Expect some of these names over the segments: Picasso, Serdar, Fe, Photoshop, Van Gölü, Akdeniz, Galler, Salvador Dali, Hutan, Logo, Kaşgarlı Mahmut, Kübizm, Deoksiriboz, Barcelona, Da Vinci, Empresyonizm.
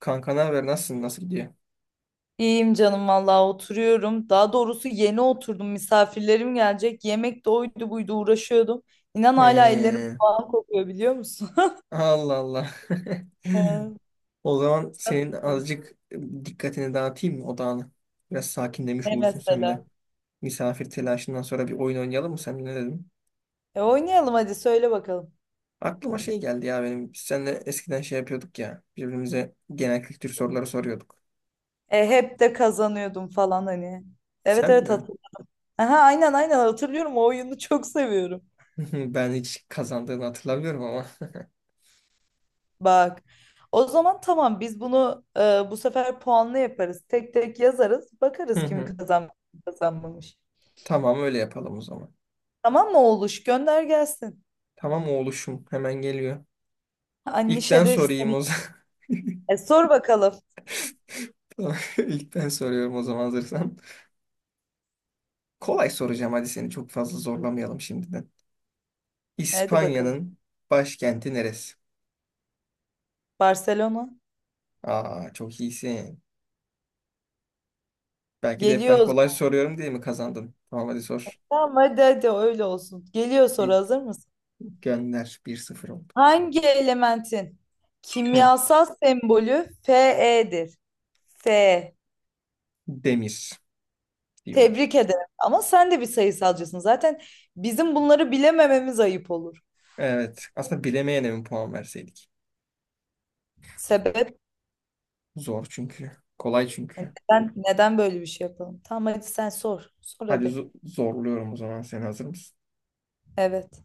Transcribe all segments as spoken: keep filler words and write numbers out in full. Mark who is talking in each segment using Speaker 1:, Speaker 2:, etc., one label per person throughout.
Speaker 1: Kanka ne haber? Nasılsın? Nasıl gidiyor?
Speaker 2: İyiyim canım vallahi oturuyorum. Daha doğrusu yeni oturdum. Misafirlerim gelecek. Yemek de oydu buydu uğraşıyordum. İnan hala ellerim
Speaker 1: Ee,
Speaker 2: falan kokuyor biliyor musun?
Speaker 1: Allah Allah.
Speaker 2: Ee,
Speaker 1: O zaman
Speaker 2: sen
Speaker 1: senin
Speaker 2: ne diyorsun?
Speaker 1: azıcık dikkatini dağıtayım mı odağını? Biraz sakinlemiş
Speaker 2: Ne
Speaker 1: olursun sen de.
Speaker 2: mesela?
Speaker 1: Misafir telaşından sonra bir oyun oynayalım mı? Sen ne dedin?
Speaker 2: E, oynayalım hadi söyle bakalım.
Speaker 1: Aklıma şey geldi ya benim. Biz seninle eskiden şey yapıyorduk ya. Birbirimize genel kültür soruları soruyorduk.
Speaker 2: E hep de kazanıyordum falan hani. Evet
Speaker 1: Sen
Speaker 2: evet,
Speaker 1: mi?
Speaker 2: hatırlıyorum. Aha, aynen aynen hatırlıyorum. O oyunu çok seviyorum.
Speaker 1: Ben hiç kazandığını hatırlamıyorum ama.
Speaker 2: Bak. O zaman tamam, biz bunu e, bu sefer puanlı yaparız. Tek tek yazarız.
Speaker 1: Hı
Speaker 2: Bakarız kim
Speaker 1: hı.
Speaker 2: kazanmış, kim kazanmamış.
Speaker 1: Tamam öyle yapalım o zaman.
Speaker 2: Tamam mı oğluş? Gönder gelsin.
Speaker 1: Tamam oğluşum hemen geliyor. İlk ben
Speaker 2: Anişa de
Speaker 1: sorayım
Speaker 2: seni.
Speaker 1: o zaman.
Speaker 2: E, sor bakalım.
Speaker 1: Tamam, İlk ben soruyorum o zaman hazırsan. Kolay soracağım, hadi seni çok fazla zorlamayalım şimdiden.
Speaker 2: Hadi bakalım.
Speaker 1: İspanya'nın başkenti neresi?
Speaker 2: Barcelona.
Speaker 1: Aa, çok iyisin. Belki de hep
Speaker 2: Geliyor o
Speaker 1: ben kolay
Speaker 2: zaman.
Speaker 1: soruyorum diye mi kazandın? Tamam, hadi sor.
Speaker 2: Tamam, hadi hadi öyle olsun. Geliyor soru,
Speaker 1: İ-
Speaker 2: hazır mısın?
Speaker 1: Gönder, bir sıfır oldu.
Speaker 2: Hangi elementin
Speaker 1: Hı,
Speaker 2: kimyasal sembolü Fe'dir? Fe.
Speaker 1: demir diyorum.
Speaker 2: Tebrik ederim. Ama sen de bir sayısalcısın. Zaten bizim bunları bilemememiz ayıp olur.
Speaker 1: Evet, aslında bilemeyene mi puan verseydik?
Speaker 2: Sebep.
Speaker 1: Zor çünkü. Kolay
Speaker 2: E,
Speaker 1: çünkü.
Speaker 2: neden, neden böyle bir şey yapalım? Tamam, hadi sen sor. Sor
Speaker 1: Hadi
Speaker 2: hadi.
Speaker 1: zo- zorluyorum o zaman, sen hazır mısın?
Speaker 2: Evet.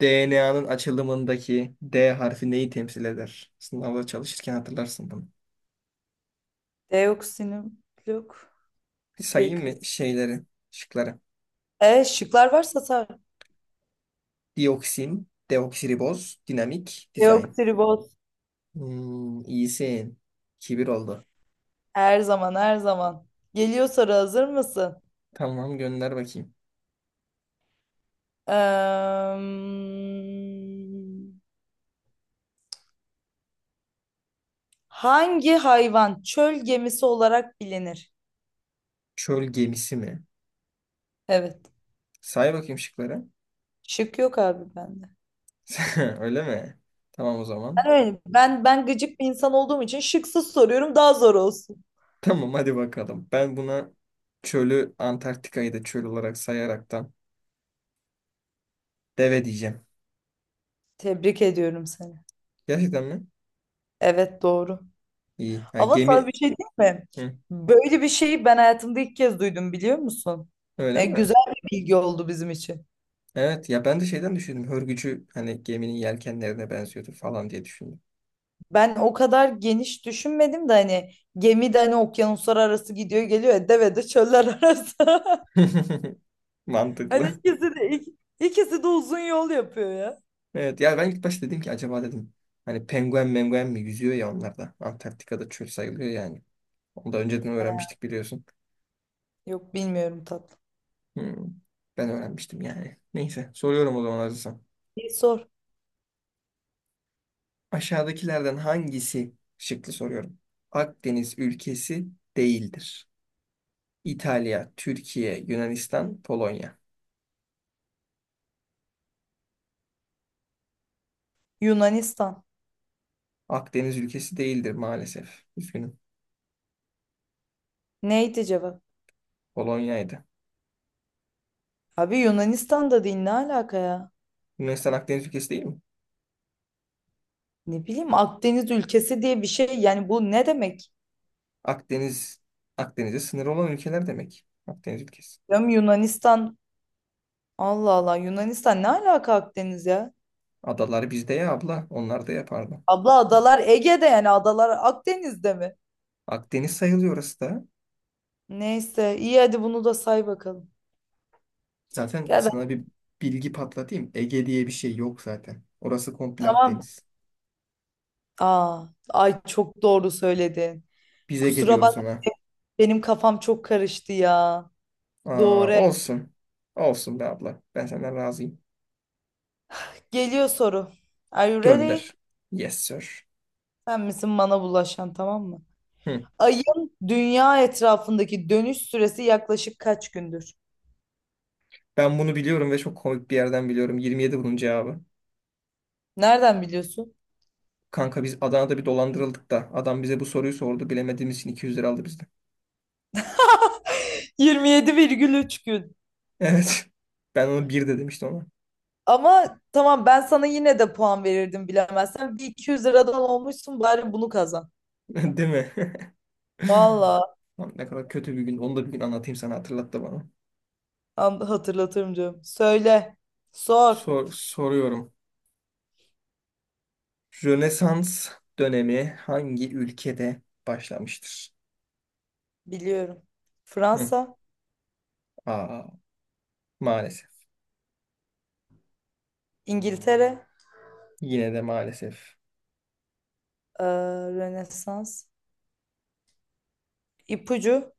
Speaker 1: D N A'nın açılımındaki D harfi neyi temsil eder? Sınavda çalışırken hatırlarsın bunu.
Speaker 2: Deoksinim yok.
Speaker 1: Sayayım
Speaker 2: Nükleik
Speaker 1: mı
Speaker 2: asit.
Speaker 1: şeyleri, şıkları?
Speaker 2: E, şıklar varsa sor.
Speaker 1: Dioksin, deoksiriboz, dinamik, dizayn.
Speaker 2: Deoksiriboz.
Speaker 1: Hmm, iyisin. Kibir oldu.
Speaker 2: Her zaman her zaman. Geliyor soru, hazır mısın?
Speaker 1: Tamam, gönder bakayım.
Speaker 2: Eee, hangi hayvan çöl gemisi olarak bilinir?
Speaker 1: Çöl gemisi mi?
Speaker 2: Evet.
Speaker 1: Say bakayım şıkları.
Speaker 2: Şık yok abi bende.
Speaker 1: Öyle mi? Tamam o zaman.
Speaker 2: Ben öyle, ben ben gıcık bir insan olduğum için şıksız soruyorum, daha zor olsun.
Speaker 1: Tamam, hadi bakalım. Ben buna çölü, Antarktika'yı da çöl olarak sayaraktan, deve diyeceğim.
Speaker 2: Tebrik ediyorum seni.
Speaker 1: Gerçekten mi?
Speaker 2: Evet, doğru.
Speaker 1: İyi. Ha,
Speaker 2: Ama sana bir
Speaker 1: gemi.
Speaker 2: şey diyeyim mi?
Speaker 1: Hı,
Speaker 2: Böyle bir şeyi ben hayatımda ilk kez duydum biliyor musun?
Speaker 1: öyle
Speaker 2: E,
Speaker 1: mi?
Speaker 2: güzel bir bilgi oldu bizim için.
Speaker 1: Evet ya, ben de şeyden düşündüm. Hörgücü hani geminin yelkenlerine benziyordu falan diye düşündüm.
Speaker 2: Ben o kadar geniş düşünmedim de, hani gemi de, hani okyanuslar arası gidiyor geliyor ya, deve de çöller arası. Hani
Speaker 1: Mantıklı.
Speaker 2: ikisi de ik- ikisi de uzun yol yapıyor ya.
Speaker 1: Evet ya, ben ilk başta dedim ki acaba dedim, hani penguen menguen mi yüzüyor ya onlar da. Antarktika'da çöl sayılıyor yani. Onu da önceden öğrenmiştik, biliyorsun.
Speaker 2: Yok bilmiyorum tatlı.
Speaker 1: Hmm, ben öğrenmiştim yani. Neyse, soruyorum o zaman hazırsan.
Speaker 2: Bir sor.
Speaker 1: Aşağıdakilerden hangisi şıklı soruyorum. Akdeniz ülkesi değildir. İtalya, Türkiye, Yunanistan, Polonya.
Speaker 2: Yunanistan.
Speaker 1: Akdeniz ülkesi değildir maalesef. Üzgünüm.
Speaker 2: Neydi cevap?
Speaker 1: Polonya'ydı.
Speaker 2: Abi Yunanistan'da değil, ne alaka ya?
Speaker 1: Yunanistan Akdeniz ülkesi değil mi?
Speaker 2: Ne bileyim, Akdeniz ülkesi diye bir şey, yani bu ne demek?
Speaker 1: Akdeniz, Akdeniz'e sınır olan ülkeler demek. Akdeniz ülkesi.
Speaker 2: Ya Yunanistan, Allah Allah, Yunanistan ne alaka Akdeniz ya?
Speaker 1: Adalar bizde ya abla, onlar da yapardı.
Speaker 2: Abla adalar Ege'de, yani adalar Akdeniz'de mi?
Speaker 1: Akdeniz sayılıyor orası da.
Speaker 2: Neyse, iyi hadi bunu da say bakalım.
Speaker 1: Zaten
Speaker 2: Ya ben-
Speaker 1: sana bir bilgi patlatayım. Ege diye bir şey yok zaten. Orası komple
Speaker 2: tamam.
Speaker 1: Akdeniz.
Speaker 2: Aa, ay çok doğru söyledin.
Speaker 1: Biz Ege
Speaker 2: Kusura bak,
Speaker 1: diyoruz ona.
Speaker 2: benim kafam çok karıştı ya.
Speaker 1: Aa,
Speaker 2: Doğru.
Speaker 1: olsun. Olsun be abla. Ben senden razıyım.
Speaker 2: Geliyor soru. Are you
Speaker 1: Gönder.
Speaker 2: ready?
Speaker 1: Yes, sir.
Speaker 2: Sen misin bana bulaşan, tamam mı?
Speaker 1: Hı.
Speaker 2: Ayın dünya etrafındaki dönüş süresi yaklaşık kaç gündür?
Speaker 1: Ben bunu biliyorum ve çok komik bir yerden biliyorum. yirmi yedi bunun cevabı.
Speaker 2: Nereden biliyorsun?
Speaker 1: Kanka, biz Adana'da bir dolandırıldık da adam bize bu soruyu sordu. Bilemediğimiz için iki yüz lira aldı bizden.
Speaker 2: yirmi yedi virgül üç gün.
Speaker 1: Evet. Ben onu bir de demiştim ona.
Speaker 2: Ama tamam, ben sana yine de puan verirdim bilemezsen. Bir iki yüz liradan olmuşsun, bari bunu kazan.
Speaker 1: Değil mi?
Speaker 2: Valla
Speaker 1: Lan Ne kadar kötü bir gün. Onu da bir gün anlatayım sana, hatırlattı bana.
Speaker 2: hatırlatırım canım, söyle. Sor.
Speaker 1: Sor, soruyorum. Rönesans dönemi hangi ülkede başlamıştır?
Speaker 2: Biliyorum.
Speaker 1: Hı.
Speaker 2: Fransa,
Speaker 1: Aa, maalesef.
Speaker 2: İngiltere,
Speaker 1: Yine de maalesef.
Speaker 2: eee, Rönesans, İpucu.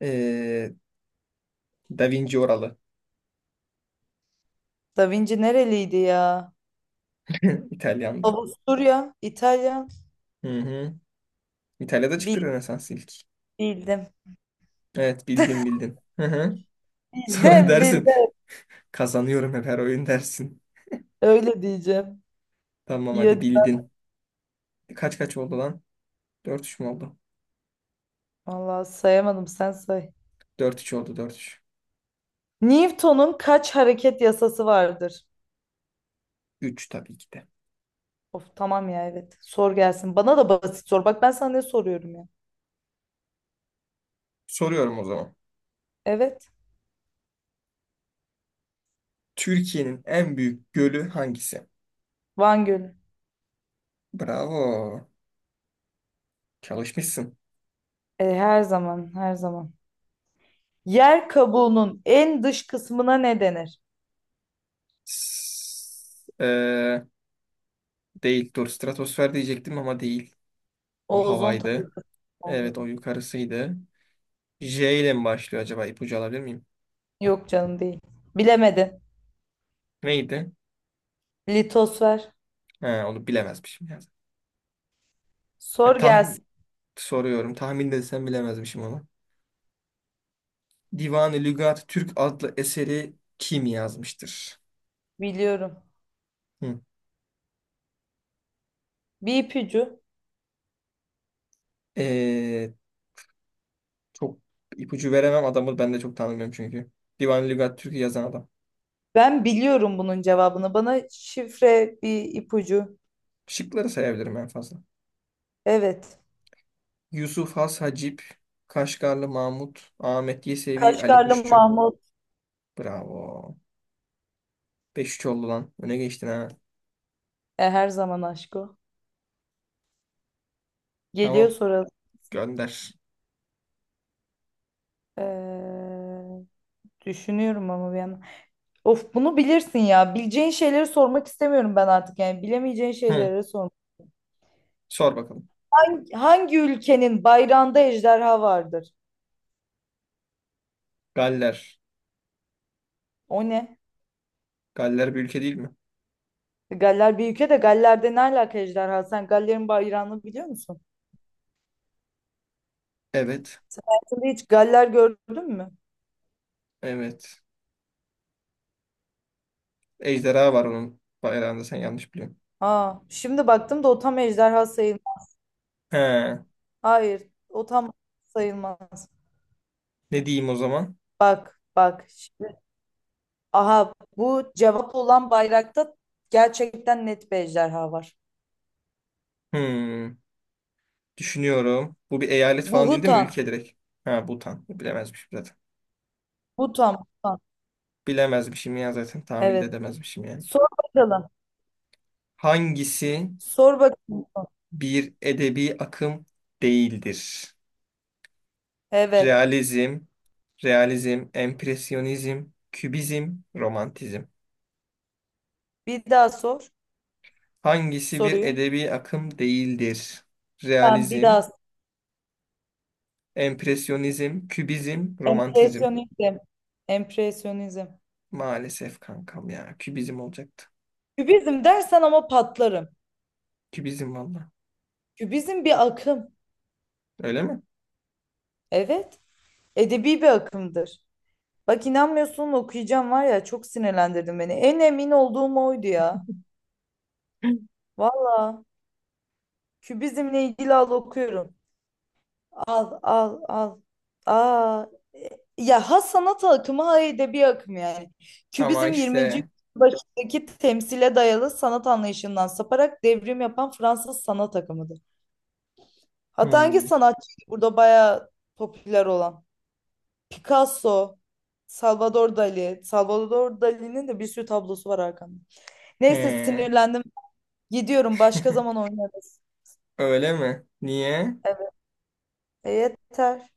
Speaker 1: Ee, Da Vinci oralı.
Speaker 2: Da Vinci nereliydi ya?
Speaker 1: İtalyandı.
Speaker 2: Avusturya, İtalya.
Speaker 1: Hı hı. İtalya'da çıktı
Speaker 2: Bil-
Speaker 1: Rönesans ilk.
Speaker 2: Bildim.
Speaker 1: Evet, bildin bildin. Hı hı. Sonra
Speaker 2: Bildim,
Speaker 1: dersin,
Speaker 2: bildim.
Speaker 1: kazanıyorum hep her oyun, dersin.
Speaker 2: Öyle diyeceğim.
Speaker 1: Tamam
Speaker 2: İyi
Speaker 1: hadi,
Speaker 2: hadi.
Speaker 1: bildin. Kaç kaç oldu lan? Dört üç mü oldu?
Speaker 2: Vallahi sayamadım, sen say.
Speaker 1: Dört üç oldu. Dört üç.
Speaker 2: Newton'un kaç hareket yasası vardır?
Speaker 1: Üç tabii ki de.
Speaker 2: Of tamam ya, evet. Sor gelsin. Bana da basit sor. Bak ben sana ne soruyorum ya.
Speaker 1: Soruyorum o zaman.
Speaker 2: Evet.
Speaker 1: Türkiye'nin en büyük gölü hangisi?
Speaker 2: Van Gölü.
Speaker 1: Bravo. Çalışmışsın.
Speaker 2: E, her zaman her zaman. Yer kabuğunun en dış kısmına ne denir?
Speaker 1: S- eee, değil. Dur, stratosfer diyecektim ama değil. O
Speaker 2: Ozon
Speaker 1: havaydı. Evet, o
Speaker 2: oldu.
Speaker 1: yukarısıydı. J ile mi başlıyor acaba? İpucu alabilir miyim?
Speaker 2: Yok canım, değil. Bilemedin.
Speaker 1: Neydi?
Speaker 2: Litos ver.
Speaker 1: Ha, onu bilemezmişim. Ya. Ya,
Speaker 2: Sor gelsin.
Speaker 1: tahmin soruyorum. Tahmin desem bilemezmişim onu. Divan-ı Lügat Türk adlı eseri kim yazmıştır?
Speaker 2: Biliyorum.
Speaker 1: Hı.
Speaker 2: Bir ipucu.
Speaker 1: Ee, Çok ipucu veremem, adamı ben de çok tanımıyorum çünkü. Divan Lügat Türk'ü yazan adam.
Speaker 2: Ben biliyorum bunun cevabını. Bana şifre bir ipucu.
Speaker 1: Şıkları sayabilirim en fazla.
Speaker 2: Evet.
Speaker 1: Yusuf Has Hacip, Kaşgarlı Mahmut, Ahmet Yesevi, Ali
Speaker 2: Kaşgarlı
Speaker 1: Kuşçu.
Speaker 2: Mahmut.
Speaker 1: Bravo. beş üç oldu lan. Öne geçtin ha.
Speaker 2: E, her zaman aşk o. Geliyor
Speaker 1: Tamam.
Speaker 2: sonra.
Speaker 1: Gönder.
Speaker 2: Ee, düşünüyorum ama bir yandan. Of, bunu bilirsin ya. Bileceğin şeyleri sormak istemiyorum ben artık. Yani bilemeyeceğin
Speaker 1: Hı.
Speaker 2: şeyleri sor.
Speaker 1: Sor bakalım.
Speaker 2: Hangi, hangi ülkenin bayrağında ejderha vardır?
Speaker 1: Galler.
Speaker 2: O ne?
Speaker 1: Galler bir ülke değil mi?
Speaker 2: Galler bir ülke de, Galler'de ne alaka ejderha? Sen Galler'in bayrağını biliyor musun?
Speaker 1: Evet.
Speaker 2: Sen hayatında hiç Galler gördün mü?
Speaker 1: Evet. Ejderha var onun bayrağında, sen yanlış biliyorsun.
Speaker 2: Aa, şimdi baktım da o tam ejderha sayılmaz.
Speaker 1: He.
Speaker 2: Hayır, o tam sayılmaz.
Speaker 1: Ne diyeyim o zaman?
Speaker 2: Bak, bak. Şimdi, aha bu cevap olan bayrakta gerçekten net bir ejderha var.
Speaker 1: Hmm. Düşünüyorum. Bu bir eyalet
Speaker 2: Bu
Speaker 1: falan değil değil mi?
Speaker 2: Hutan.
Speaker 1: Ülke direkt. Ha, Bhutan. Bilemezmişim zaten.
Speaker 2: Hutan, Hutan.
Speaker 1: Bilemezmişim ya zaten. Tahmin de
Speaker 2: Evet.
Speaker 1: edemezmişim yani.
Speaker 2: Sor bakalım.
Speaker 1: Hangisi
Speaker 2: Sor bakalım.
Speaker 1: bir edebi akım değildir?
Speaker 2: Evet.
Speaker 1: Realizm, realizm, empresyonizm, kübizm, romantizm.
Speaker 2: Bir daha sor
Speaker 1: Hangisi bir
Speaker 2: soruyu.
Speaker 1: edebi akım değildir?
Speaker 2: Tamam, bir
Speaker 1: Realizm,
Speaker 2: daha.
Speaker 1: empresyonizm, kübizm, romantizm.
Speaker 2: Empresyonizm. Empresyonizm.
Speaker 1: Maalesef kankam ya. Kübizm olacaktı.
Speaker 2: Kübizm dersen ama patlarım.
Speaker 1: Kübizm valla.
Speaker 2: Kübizm bir akım.
Speaker 1: Öyle mi?
Speaker 2: Evet. Edebi bir akımdır. Bak inanmıyorsun, okuyacağım var ya, çok sinirlendirdin beni. En emin olduğum oydu ya. Valla. Kübizmle ilgili al, okuyorum. Al al al. Aa. e, Ya ha sanat akımı, ha edebi akım yani.
Speaker 1: Ama
Speaker 2: Kübizm yirminci
Speaker 1: işte.
Speaker 2: başındaki temsile dayalı sanat anlayışından saparak devrim yapan Fransız sanat akımıdır. Hatta hangi
Speaker 1: Hmm,
Speaker 2: sanatçıydı burada bayağı popüler olan? Picasso, Salvador Dali. Salvador Dali'nin de bir sürü tablosu var arkamda. Neyse,
Speaker 1: he.
Speaker 2: sinirlendim. Gidiyorum. Başka zaman oynarız.
Speaker 1: Öyle mi? Niye?
Speaker 2: Evet. E, yeter.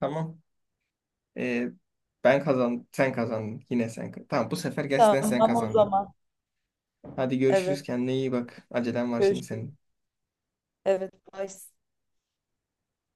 Speaker 1: Tamam. Ee, ben kazandım. Sen kazandın. Yine sen. ka- Tamam, bu sefer gerçekten sen
Speaker 2: Tamam o
Speaker 1: kazandın.
Speaker 2: zaman.
Speaker 1: Hadi görüşürüz.
Speaker 2: Evet.
Speaker 1: Kendine iyi bak. Acelen var şimdi
Speaker 2: Görüşürüz.
Speaker 1: senin.
Speaker 2: Evet. Bye.